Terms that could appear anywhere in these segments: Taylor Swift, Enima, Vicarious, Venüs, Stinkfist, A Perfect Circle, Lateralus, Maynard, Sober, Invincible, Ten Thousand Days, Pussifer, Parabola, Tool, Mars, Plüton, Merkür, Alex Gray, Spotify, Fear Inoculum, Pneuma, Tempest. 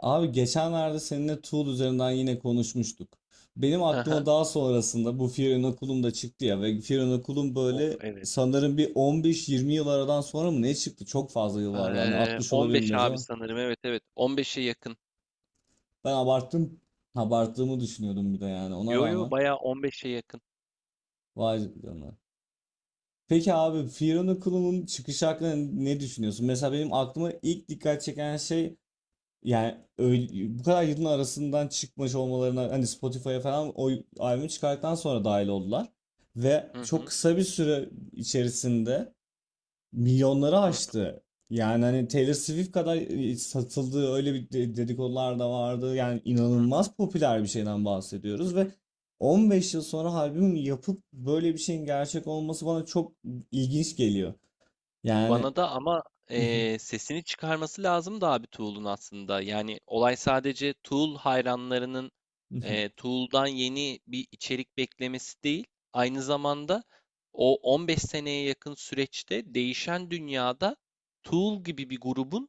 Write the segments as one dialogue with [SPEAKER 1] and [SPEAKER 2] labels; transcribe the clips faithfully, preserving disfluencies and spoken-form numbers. [SPEAKER 1] Abi geçenlerde seninle Tool üzerinden yine konuşmuştuk. Benim
[SPEAKER 2] Hı
[SPEAKER 1] aklıma
[SPEAKER 2] hı.
[SPEAKER 1] daha sonrasında bu Fear Inoculum da çıktı ya ve Fear Inoculum
[SPEAKER 2] Of
[SPEAKER 1] böyle
[SPEAKER 2] evet.
[SPEAKER 1] sanırım bir on beş yirmi yıl aradan sonra mı ne çıktı? Çok fazla yıl vardı. Hani
[SPEAKER 2] Eee,
[SPEAKER 1] altmış olabilir
[SPEAKER 2] on beş
[SPEAKER 1] biraz
[SPEAKER 2] abi
[SPEAKER 1] ama
[SPEAKER 2] sanırım. Evet evet. on beşe yakın.
[SPEAKER 1] ben abarttım. Abarttığımı düşünüyordum bir de yani ona
[SPEAKER 2] Yo yo
[SPEAKER 1] rağmen.
[SPEAKER 2] bayağı on beşe yakın.
[SPEAKER 1] Vay canına. Peki abi Fear Inoculum'un çıkış hakkında ne düşünüyorsun? Mesela benim aklıma ilk dikkat çeken şey. Yani öyle- bu kadar yılın arasından çıkmış olmalarına hani Spotify'a falan o albümü çıkarttıktan sonra dahil oldular. Ve
[SPEAKER 2] Hı
[SPEAKER 1] çok
[SPEAKER 2] hı.
[SPEAKER 1] kısa bir süre içerisinde milyonları
[SPEAKER 2] Hı hı
[SPEAKER 1] aştı. Yani hani Taylor Swift kadar e, satıldığı öyle bir de- dedikodular da vardı. Yani
[SPEAKER 2] hı hı.
[SPEAKER 1] inanılmaz popüler bir şeyden
[SPEAKER 2] Hı
[SPEAKER 1] bahsediyoruz ve
[SPEAKER 2] hı.
[SPEAKER 1] on beş yıl sonra albüm yapıp böyle bir şeyin gerçek olması bana çok ilginç geliyor. Yani
[SPEAKER 2] Bana da ama eee, sesini çıkarması lazım da abi Tool'un aslında. Yani olay sadece Tool hayranlarının eee Tool'dan yeni bir içerik beklemesi değil. Aynı zamanda o on beş seneye yakın süreçte değişen dünyada Tool gibi bir grubun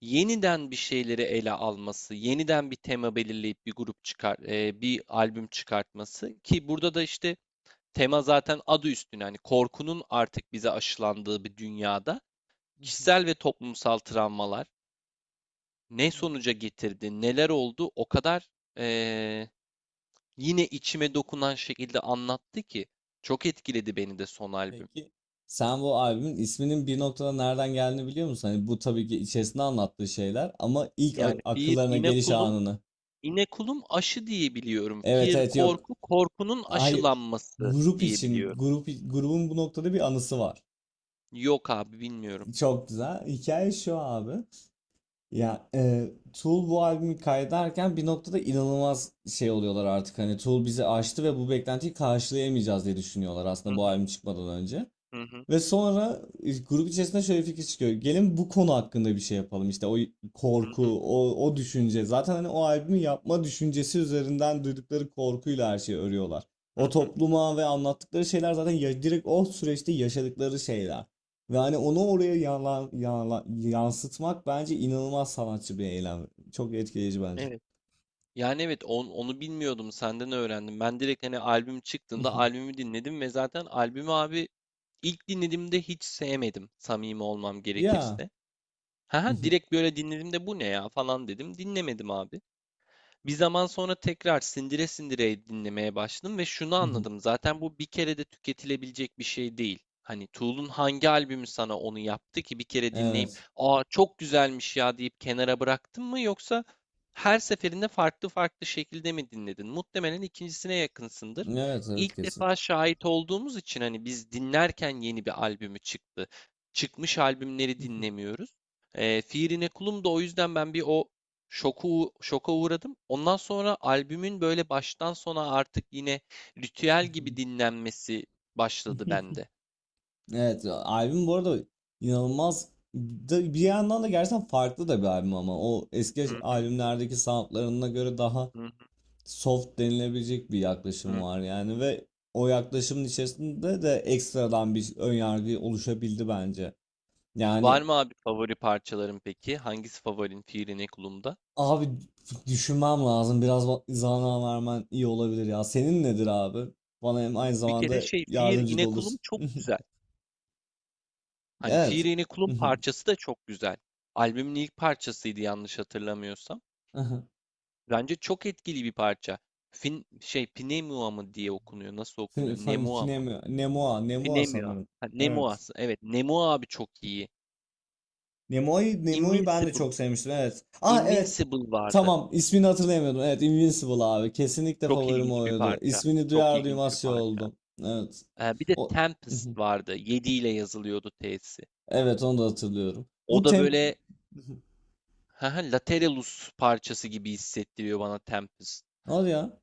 [SPEAKER 2] yeniden bir şeyleri ele alması, yeniden bir tema belirleyip bir grup çıkar, e, bir albüm çıkartması ki burada da işte tema zaten adı üstüne hani korkunun artık bize aşılandığı bir dünyada kişisel ve toplumsal travmalar ne sonuca getirdi, neler oldu o kadar e, yine içime dokunan şekilde anlattı ki çok etkiledi beni de son albüm.
[SPEAKER 1] Peki sen bu albümün isminin bir noktada nereden geldiğini biliyor musun? Hani bu tabii ki içerisinde anlattığı şeyler ama ilk a-
[SPEAKER 2] Yani bir
[SPEAKER 1] akıllarına
[SPEAKER 2] yine
[SPEAKER 1] geliş
[SPEAKER 2] kulum
[SPEAKER 1] anını.
[SPEAKER 2] İnekulum aşı diye biliyorum.
[SPEAKER 1] Evet
[SPEAKER 2] Fear
[SPEAKER 1] evet, yok.
[SPEAKER 2] korku, korkunun
[SPEAKER 1] Hayır.
[SPEAKER 2] aşılanması
[SPEAKER 1] Grup
[SPEAKER 2] diye
[SPEAKER 1] için
[SPEAKER 2] biliyorum.
[SPEAKER 1] grup grubun bu noktada bir anısı var.
[SPEAKER 2] Yok abi bilmiyorum.
[SPEAKER 1] Çok güzel. Hikaye şu abi. Ya e, Tool bu albümü kaydederken bir noktada inanılmaz şey oluyorlar artık. Hani Tool bizi aştı ve bu beklentiyi karşılayamayacağız diye düşünüyorlar
[SPEAKER 2] Hı
[SPEAKER 1] aslında bu
[SPEAKER 2] hı
[SPEAKER 1] albüm çıkmadan önce.
[SPEAKER 2] hı hı
[SPEAKER 1] Ve sonra e, grup içerisinde şöyle bir fikir çıkıyor. Gelin bu konu hakkında bir şey yapalım. İşte o
[SPEAKER 2] hı hı.
[SPEAKER 1] korku, o, o düşünce. Zaten hani o albümü yapma düşüncesi üzerinden duydukları korkuyla her şeyi örüyorlar.
[SPEAKER 2] Hı
[SPEAKER 1] O
[SPEAKER 2] hı.
[SPEAKER 1] topluma ve anlattıkları şeyler zaten ya- direkt o süreçte yaşadıkları şeyler. Ve hani onu oraya yanla- yanla- yansıtmak bence inanılmaz sanatçı bir eylem. Çok etkileyici bence.
[SPEAKER 2] Evet. Yani evet, on- onu bilmiyordum, senden öğrendim. Ben direkt hani albüm çıktığında albümü dinledim ve zaten albümü abi ilk dinlediğimde hiç sevmedim, samimi olmam
[SPEAKER 1] Ya.
[SPEAKER 2] gerekirse. Ha direkt böyle dinledim de bu ne ya falan dedim. Dinlemedim abi. Bir zaman sonra tekrar sindire sindire dinlemeye başladım ve şunu anladım. Zaten bu bir kere de tüketilebilecek bir şey değil. Hani Tool'un hangi albümü sana onu yaptı ki bir kere dinleyip
[SPEAKER 1] Evet.
[SPEAKER 2] "Aa çok güzelmiş ya" deyip kenara bıraktın mı, yoksa her seferinde farklı farklı şekilde mi dinledin? Muhtemelen ikincisine yakınsındır.
[SPEAKER 1] Evet, evet
[SPEAKER 2] İlk
[SPEAKER 1] kesin.
[SPEAKER 2] defa şahit olduğumuz için hani biz dinlerken yeni bir albümü çıktı. Çıkmış albümleri dinlemiyoruz. E, Fiirine Kulum da o yüzden ben bir o şoku, şoka uğradım. Ondan sonra albümün böyle baştan sona artık yine ritüel gibi dinlenmesi başladı bende.
[SPEAKER 1] Evet, albüm bu arada inanılmaz da- bir yandan da gerçekten farklı da bir albüm ama o
[SPEAKER 2] Hı
[SPEAKER 1] eski
[SPEAKER 2] hı,
[SPEAKER 1] albümlerdeki soundlarına göre daha
[SPEAKER 2] hı hı,
[SPEAKER 1] soft denilebilecek bir yaklaşım
[SPEAKER 2] hı.
[SPEAKER 1] var yani ve o yaklaşımın içerisinde de ekstradan bir ön yargı oluşabildi bence.
[SPEAKER 2] Var
[SPEAKER 1] Yani
[SPEAKER 2] mı abi favori parçaların peki? Hangisi favorin Fiir İnekulum'da?
[SPEAKER 1] abi düşünmem lazım biraz va- zaman vermen iyi olabilir ya. Senin nedir abi? Bana hem aynı
[SPEAKER 2] Bir kere
[SPEAKER 1] zamanda
[SPEAKER 2] şey Fiir
[SPEAKER 1] yardımcı da
[SPEAKER 2] İnekulum
[SPEAKER 1] olursun.
[SPEAKER 2] çok güzel. Hani
[SPEAKER 1] Evet.
[SPEAKER 2] Fiir İnekulum parçası da çok güzel. Albümün ilk parçasıydı yanlış hatırlamıyorsam. Bence çok etkili bir parça. Fin, şey Pneumua mı diye okunuyor. Nasıl
[SPEAKER 1] Fin-
[SPEAKER 2] okunuyor?
[SPEAKER 1] fin-
[SPEAKER 2] Nemua mı?
[SPEAKER 1] Finemo, Nemoa, Nemoa
[SPEAKER 2] Nemua.
[SPEAKER 1] sanırım.
[SPEAKER 2] Ha, Nemu
[SPEAKER 1] Evet.
[SPEAKER 2] aslında. Evet, Nemu abi çok iyi.
[SPEAKER 1] Nemoa'yı Nemo'yu ben de
[SPEAKER 2] Invincible.
[SPEAKER 1] çok sevmiştim. Evet. Ah evet.
[SPEAKER 2] Invincible vardı.
[SPEAKER 1] Tamam, ismini hatırlayamıyordum. Evet, Invincible abi. Kesinlikle
[SPEAKER 2] Çok
[SPEAKER 1] favorim
[SPEAKER 2] ilginç bir
[SPEAKER 1] oydu.
[SPEAKER 2] parça.
[SPEAKER 1] İsmini
[SPEAKER 2] Çok
[SPEAKER 1] duyar
[SPEAKER 2] ilginç bir
[SPEAKER 1] duymaz şey
[SPEAKER 2] parça.
[SPEAKER 1] oldum. Evet.
[SPEAKER 2] Ee, bir de
[SPEAKER 1] O
[SPEAKER 2] Tempest vardı. Yedi ile yazılıyordu T'si.
[SPEAKER 1] Evet, onu da hatırlıyorum. Bu
[SPEAKER 2] O da
[SPEAKER 1] temp.
[SPEAKER 2] böyle haha, Lateralus parçası gibi hissettiriyor bana Tempest.
[SPEAKER 1] Hadi ya.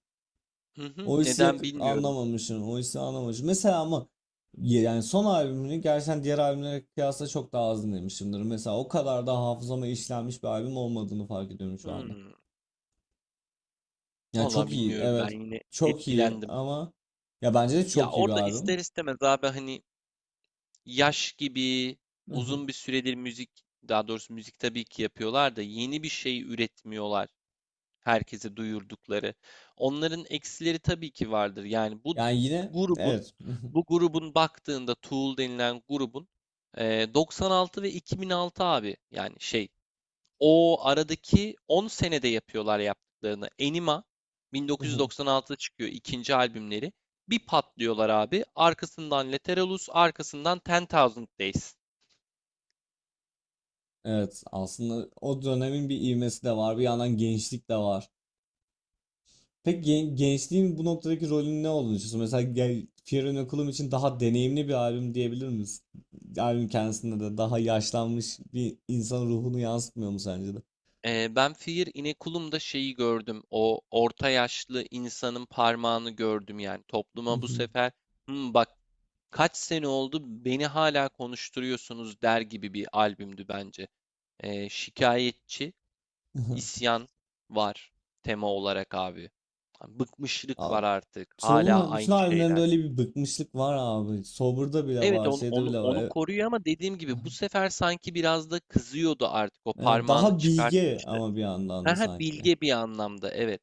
[SPEAKER 2] Hı hı,
[SPEAKER 1] Oysi yak-
[SPEAKER 2] neden bilmiyorum.
[SPEAKER 1] anlamamışım. Oysi anlamamışım. Mesela ama ya- yani son albümünü gerçekten diğer albümlere kıyasla çok daha az dinlemişimdir. Mesela o kadar da hafızama işlenmiş bir albüm olmadığını fark ediyorum şu anda.
[SPEAKER 2] Hmm,
[SPEAKER 1] Ya çok
[SPEAKER 2] vallahi
[SPEAKER 1] iyi,
[SPEAKER 2] bilmiyorum. Ben
[SPEAKER 1] evet.
[SPEAKER 2] yine
[SPEAKER 1] Çok iyi
[SPEAKER 2] etkilendim.
[SPEAKER 1] ama ya bence de
[SPEAKER 2] Ya
[SPEAKER 1] çok iyi bir
[SPEAKER 2] orada
[SPEAKER 1] albüm.
[SPEAKER 2] ister istemez abi hani yaş gibi uzun bir süredir müzik, daha doğrusu müzik tabii ki yapıyorlar da yeni bir şey üretmiyorlar herkese duyurdukları. Onların eksileri tabii ki vardır. Yani bu
[SPEAKER 1] Yani yine
[SPEAKER 2] grubun,
[SPEAKER 1] evet.
[SPEAKER 2] bu grubun baktığında Tool denilen grubun e, doksan altı ve iki bin altı abi yani şey o aradaki on senede yapıyorlar yaptıklarını. Enima bin dokuz yüz doksan altıda çıkıyor ikinci albümleri. Bir patlıyorlar abi. Arkasından Lateralus, arkasından Ten Thousand Days.
[SPEAKER 1] Evet aslında o dönemin bir ivmesi de var. Bir yandan gençlik de var. Peki gen- gençliğin bu noktadaki rolünün ne olduğunu düşünüyorsun? Mesela gel Fear Inoculum için daha deneyimli bir albüm diyebilir miyiz? Albüm kendisinde de daha yaşlanmış bir insan ruhunu yansıtmıyor mu sence de?
[SPEAKER 2] Ee, ben Fear İnekulum'da şeyi gördüm. O orta yaşlı insanın parmağını gördüm yani. Topluma bu sefer "Hmm, bak kaç sene oldu beni hala konuşturuyorsunuz" der gibi bir albümdü bence. Ee, şikayetçi. İsyan var tema olarak abi. Hani bıkmışlık var
[SPEAKER 1] Al-.
[SPEAKER 2] artık. Hala
[SPEAKER 1] Soul'un bütün
[SPEAKER 2] aynı
[SPEAKER 1] albümlerinde
[SPEAKER 2] şeyler.
[SPEAKER 1] öyle bir bıkmışlık var abi. Sober'da bile
[SPEAKER 2] Evet
[SPEAKER 1] var,
[SPEAKER 2] onu,
[SPEAKER 1] şeyde
[SPEAKER 2] onu,
[SPEAKER 1] bile var.
[SPEAKER 2] onu
[SPEAKER 1] E,
[SPEAKER 2] koruyor ama dediğim gibi bu
[SPEAKER 1] Aha.
[SPEAKER 2] sefer sanki biraz da kızıyordu artık. O
[SPEAKER 1] Evet,
[SPEAKER 2] parmağını
[SPEAKER 1] daha bilge
[SPEAKER 2] çıkartmıştı.
[SPEAKER 1] ama bir yandan da
[SPEAKER 2] Ha ha,
[SPEAKER 1] sanki.
[SPEAKER 2] bilge bir anlamda evet.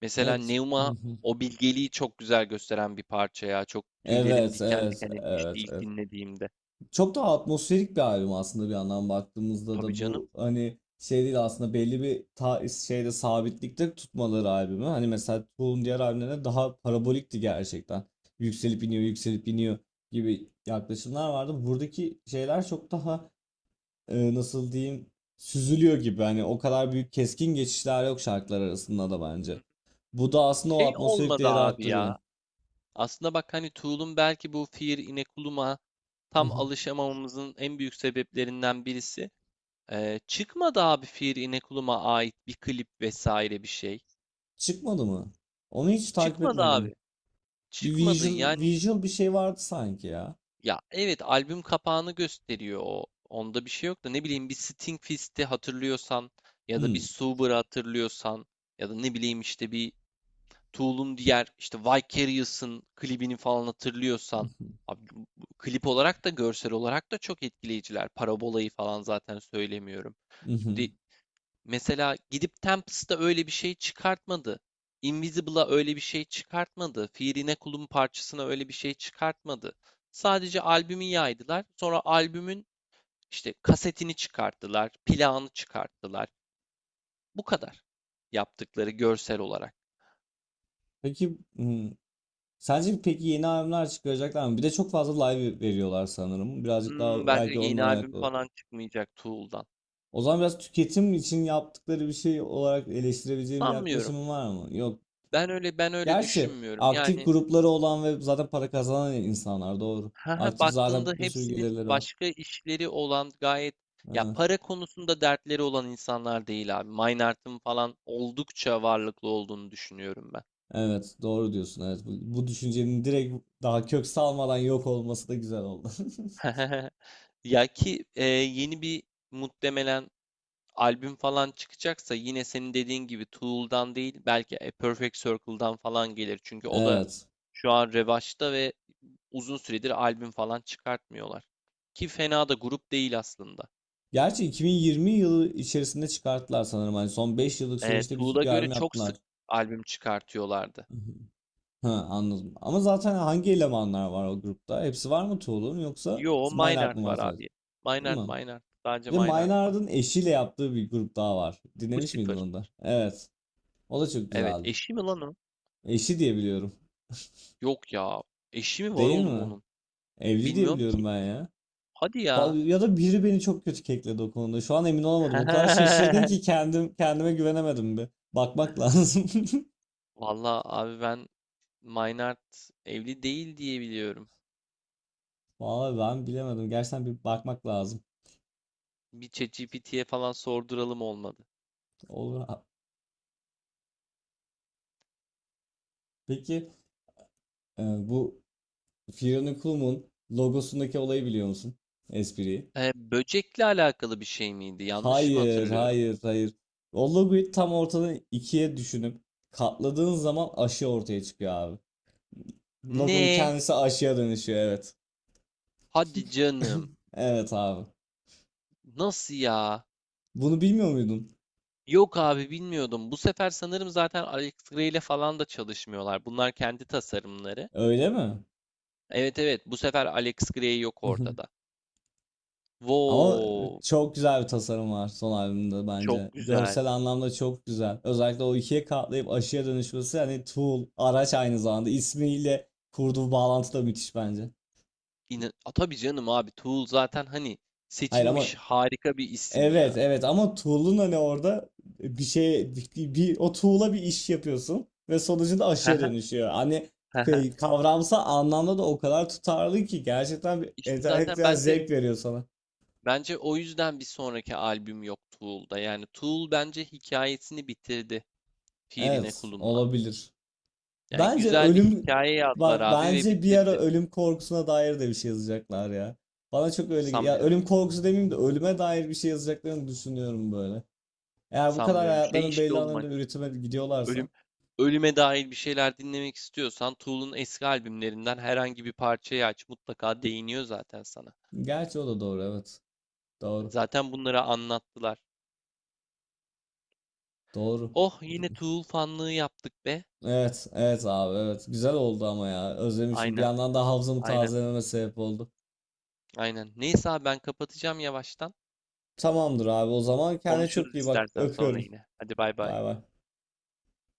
[SPEAKER 2] Mesela
[SPEAKER 1] Evet. Hı
[SPEAKER 2] Neuma
[SPEAKER 1] hı.
[SPEAKER 2] o bilgeliği çok güzel gösteren bir parça ya. Çok tüylerim
[SPEAKER 1] Evet,
[SPEAKER 2] diken
[SPEAKER 1] evet,
[SPEAKER 2] diken etmişti
[SPEAKER 1] evet,
[SPEAKER 2] ilk
[SPEAKER 1] evet.
[SPEAKER 2] dinlediğimde.
[SPEAKER 1] Çok daha atmosferik bir albüm aslında bir yandan baktığımızda
[SPEAKER 2] Tabii
[SPEAKER 1] da
[SPEAKER 2] canım.
[SPEAKER 1] bu hani şey değil, aslında belli bir ta şeyde sabitlikte tutmaları albümü. Hani mesela Tool'un diğer albümlerine daha parabolikti gerçekten. Yükselip iniyor, yükselip iniyor gibi yaklaşımlar vardı. Buradaki şeyler çok daha e, nasıl diyeyim, süzülüyor gibi. Hani o kadar büyük keskin geçişler yok şarkılar arasında da bence.
[SPEAKER 2] Hı.
[SPEAKER 1] Bu da aslında o
[SPEAKER 2] Şey
[SPEAKER 1] atmosferik
[SPEAKER 2] olmadı
[SPEAKER 1] değeri
[SPEAKER 2] abi
[SPEAKER 1] arttırıyor.
[SPEAKER 2] ya. Aslında bak hani Tool'un belki bu Fear Inoculum'a tam alışamamamızın en büyük sebeplerinden birisi. Ee, çıkmadı abi Fear Inoculum'a ait bir klip vesaire bir şey.
[SPEAKER 1] Çıkmadı mı? Onu hiç takip
[SPEAKER 2] Çıkmadı
[SPEAKER 1] etmedim.
[SPEAKER 2] abi.
[SPEAKER 1] Bir
[SPEAKER 2] Çıkmadı
[SPEAKER 1] visual,
[SPEAKER 2] yani
[SPEAKER 1] visual bir şey vardı sanki ya.
[SPEAKER 2] ya evet albüm kapağını gösteriyor o. Onda bir şey yok da, ne bileyim, bir Sting Fist'i hatırlıyorsan ya da bir
[SPEAKER 1] Hmm.
[SPEAKER 2] Sober'ı hatırlıyorsan ya da ne bileyim işte bir Tool'un diğer işte Vicarious'ın klibini falan hatırlıyorsan abi, klip olarak da görsel olarak da çok etkileyiciler. Parabola'yı falan zaten söylemiyorum. Şimdi
[SPEAKER 1] Mhm.
[SPEAKER 2] mesela gidip Tempest'a öyle bir şey çıkartmadı. Invisible'a öyle bir şey çıkartmadı. Firine Kul'un parçasına öyle bir şey çıkartmadı. Sadece albümü yaydılar. Sonra albümün işte kasetini çıkarttılar, plağını çıkarttılar. Bu kadar yaptıkları görsel olarak.
[SPEAKER 1] Peki hmm. Sence peki yeni albümler çıkaracaklar mı? Bir de çok fazla live veriyorlar sanırım. Birazcık
[SPEAKER 2] Imm,
[SPEAKER 1] daha
[SPEAKER 2] bence
[SPEAKER 1] belki
[SPEAKER 2] yeni
[SPEAKER 1] ondan
[SPEAKER 2] albüm
[SPEAKER 1] alakalı.
[SPEAKER 2] falan çıkmayacak Tool'dan.
[SPEAKER 1] O zaman biraz tüketim için yaptıkları bir şey olarak eleştirebileceğim bir
[SPEAKER 2] Sanmıyorum.
[SPEAKER 1] yaklaşımın var mı? Yok.
[SPEAKER 2] Ben öyle ben öyle
[SPEAKER 1] Gerçi
[SPEAKER 2] düşünmüyorum.
[SPEAKER 1] aktif
[SPEAKER 2] Yani
[SPEAKER 1] grupları olan ve zaten para kazanan insanlar, doğru.
[SPEAKER 2] hı,
[SPEAKER 1] Aktif,
[SPEAKER 2] baktığında
[SPEAKER 1] zaten bir sürü
[SPEAKER 2] hepsinin
[SPEAKER 1] gelirleri var.
[SPEAKER 2] başka işleri olan, gayet ya,
[SPEAKER 1] Ha,
[SPEAKER 2] para konusunda dertleri olan insanlar değil abi. Mynard'ın falan oldukça varlıklı olduğunu düşünüyorum ben.
[SPEAKER 1] evet doğru diyorsun. Evet bu, bu düşüncenin direkt daha kök salmadan yok olması da güzel oldu.
[SPEAKER 2] Ya ki e, yeni bir muhtemelen albüm falan çıkacaksa yine senin dediğin gibi Tool'dan değil, belki A Perfect Circle'dan falan gelir. Çünkü o da
[SPEAKER 1] Evet.
[SPEAKER 2] şu an revaçta ve uzun süredir albüm falan çıkartmıyorlar. Ki fena da grup değil aslında.
[SPEAKER 1] Gerçi iki bin yirmi yılı içerisinde çıkarttılar sanırım. Hani son beş yıllık
[SPEAKER 2] Ee,
[SPEAKER 1] süreçte bir,
[SPEAKER 2] Tool'a
[SPEAKER 1] bir
[SPEAKER 2] göre
[SPEAKER 1] albüm
[SPEAKER 2] çok
[SPEAKER 1] yaptılar.
[SPEAKER 2] sık albüm çıkartıyorlardı.
[SPEAKER 1] Hı hı. Ha, anladım. Ama zaten hangi elemanlar var o grupta? Hepsi var mı Tuğlu'nun yoksa
[SPEAKER 2] Yo,
[SPEAKER 1] Minart
[SPEAKER 2] Maynard
[SPEAKER 1] mı var
[SPEAKER 2] var
[SPEAKER 1] sadece?
[SPEAKER 2] abi.
[SPEAKER 1] Değil
[SPEAKER 2] Maynard,
[SPEAKER 1] mi?
[SPEAKER 2] Maynard. Sadece
[SPEAKER 1] Bir de
[SPEAKER 2] Maynard var.
[SPEAKER 1] Maynard'ın eşiyle yaptığı bir grup daha var. Dinlemiş miydin
[SPEAKER 2] Pussifer.
[SPEAKER 1] onu da? Evet. O da çok
[SPEAKER 2] Evet,
[SPEAKER 1] güzeldi.
[SPEAKER 2] eşi mi lan o?
[SPEAKER 1] Eşi diye biliyorum.
[SPEAKER 2] Yok ya. Eşi mi var
[SPEAKER 1] Değil
[SPEAKER 2] oğlum
[SPEAKER 1] mi?
[SPEAKER 2] onun?
[SPEAKER 1] Evli diye
[SPEAKER 2] Bilmiyorum
[SPEAKER 1] biliyorum
[SPEAKER 2] ki.
[SPEAKER 1] ben ya.
[SPEAKER 2] Hadi ya.
[SPEAKER 1] Fa- Ya da biri beni çok kötü kekledi o konuda. Şu an emin olamadım. O kadar şaşırdın ki kendim kendime güvenemedim bir. Bakmak lazım.
[SPEAKER 2] Valla abi ben Maynard evli değil diye biliyorum.
[SPEAKER 1] Vallahi ben bilemedim. Gerçekten bir bakmak lazım.
[SPEAKER 2] Bir ChatGPT'ye falan sorduralım olmadı.
[SPEAKER 1] Olur. Ha-. Peki e, bu Fiona Cool'un logosundaki olayı biliyor musun? Espriyi.
[SPEAKER 2] Ee, böcekle alakalı bir şey miydi? Yanlış mı
[SPEAKER 1] Hayır,
[SPEAKER 2] hatırlıyorum?
[SPEAKER 1] hayır, hayır. O logoyu tam ortadan ikiye düşünüp katladığın zaman aşı ortaya çıkıyor abi. Logonun
[SPEAKER 2] Ne?
[SPEAKER 1] kendisi aşıya dönüşüyor, evet.
[SPEAKER 2] Hadi canım.
[SPEAKER 1] Evet abi.
[SPEAKER 2] Nasıl ya?
[SPEAKER 1] Bunu bilmiyor muydun?
[SPEAKER 2] Yok abi bilmiyordum. Bu sefer sanırım zaten Alex Gray ile falan da çalışmıyorlar. Bunlar kendi tasarımları.
[SPEAKER 1] Öyle mi?
[SPEAKER 2] Evet evet, bu sefer Alex Gray yok ortada.
[SPEAKER 1] Ama
[SPEAKER 2] Wow,
[SPEAKER 1] çok güzel bir tasarım var son albümde bence.
[SPEAKER 2] çok güzel.
[SPEAKER 1] Görsel anlamda çok güzel. Özellikle o ikiye katlayıp aşıya dönüşmesi, hani tool, araç, aynı zamanda ismiyle kurduğu bağlantı da müthiş bence.
[SPEAKER 2] İnan A, tabii canım abi Tool zaten hani
[SPEAKER 1] Hayır
[SPEAKER 2] seçilmiş
[SPEAKER 1] ama,
[SPEAKER 2] harika bir isim
[SPEAKER 1] evet
[SPEAKER 2] ya.
[SPEAKER 1] evet ama tuğlun hani orada bir şey bir, bir- o tuğla bir iş yapıyorsun ve sonucunda aşıya
[SPEAKER 2] Hehe,
[SPEAKER 1] dönüşüyor. Hani
[SPEAKER 2] hehe.
[SPEAKER 1] k- kavramsal anlamda da o kadar tutarlı ki gerçekten bir
[SPEAKER 2] İşte zaten
[SPEAKER 1] entelektüel
[SPEAKER 2] bence
[SPEAKER 1] zevk veriyor sana.
[SPEAKER 2] bence o yüzden bir sonraki albüm yok Tool'da. Yani Tool bence hikayesini bitirdi Firine
[SPEAKER 1] Evet
[SPEAKER 2] Kulum'la.
[SPEAKER 1] olabilir.
[SPEAKER 2] Yani
[SPEAKER 1] Bence
[SPEAKER 2] güzel bir
[SPEAKER 1] ölüm,
[SPEAKER 2] hikaye yazdılar
[SPEAKER 1] bak
[SPEAKER 2] abi ve
[SPEAKER 1] bence bir ara
[SPEAKER 2] bitirdi.
[SPEAKER 1] ölüm korkusuna dair de bir şey yazacaklar ya. Bana çok öyle ge- ya
[SPEAKER 2] Sanmıyorum.
[SPEAKER 1] ölüm korkusu demeyeyim de ölüme dair bir şey yazacaklarını düşünüyorum böyle. Eğer bu kadar
[SPEAKER 2] Sanmıyorum. Şey
[SPEAKER 1] hayatların
[SPEAKER 2] işte
[SPEAKER 1] belli
[SPEAKER 2] oğlum hani
[SPEAKER 1] alanında üretime gidiyorlarsa.
[SPEAKER 2] ölüm ölüme dair bir şeyler dinlemek istiyorsan Tool'un eski albümlerinden herhangi bir parçayı aç. Mutlaka değiniyor zaten sana.
[SPEAKER 1] Gerçi o da doğru, evet.
[SPEAKER 2] Yani
[SPEAKER 1] Doğru.
[SPEAKER 2] zaten bunları anlattılar.
[SPEAKER 1] Doğru.
[SPEAKER 2] Oh yine Tool fanlığı yaptık be.
[SPEAKER 1] Evet, evet abi, evet. Güzel oldu ama ya. Özlemişim. Bir
[SPEAKER 2] Aynen.
[SPEAKER 1] yandan da hafızamı
[SPEAKER 2] Aynen.
[SPEAKER 1] tazelememe sebep oldu.
[SPEAKER 2] Aynen. Neyse abi ben kapatacağım yavaştan.
[SPEAKER 1] Tamamdır abi. O zaman kendine çok
[SPEAKER 2] Konuşuruz
[SPEAKER 1] iyi bak.
[SPEAKER 2] istersen sonra
[SPEAKER 1] Öpüyorum.
[SPEAKER 2] yine. Hadi bay bay.
[SPEAKER 1] Bay bay.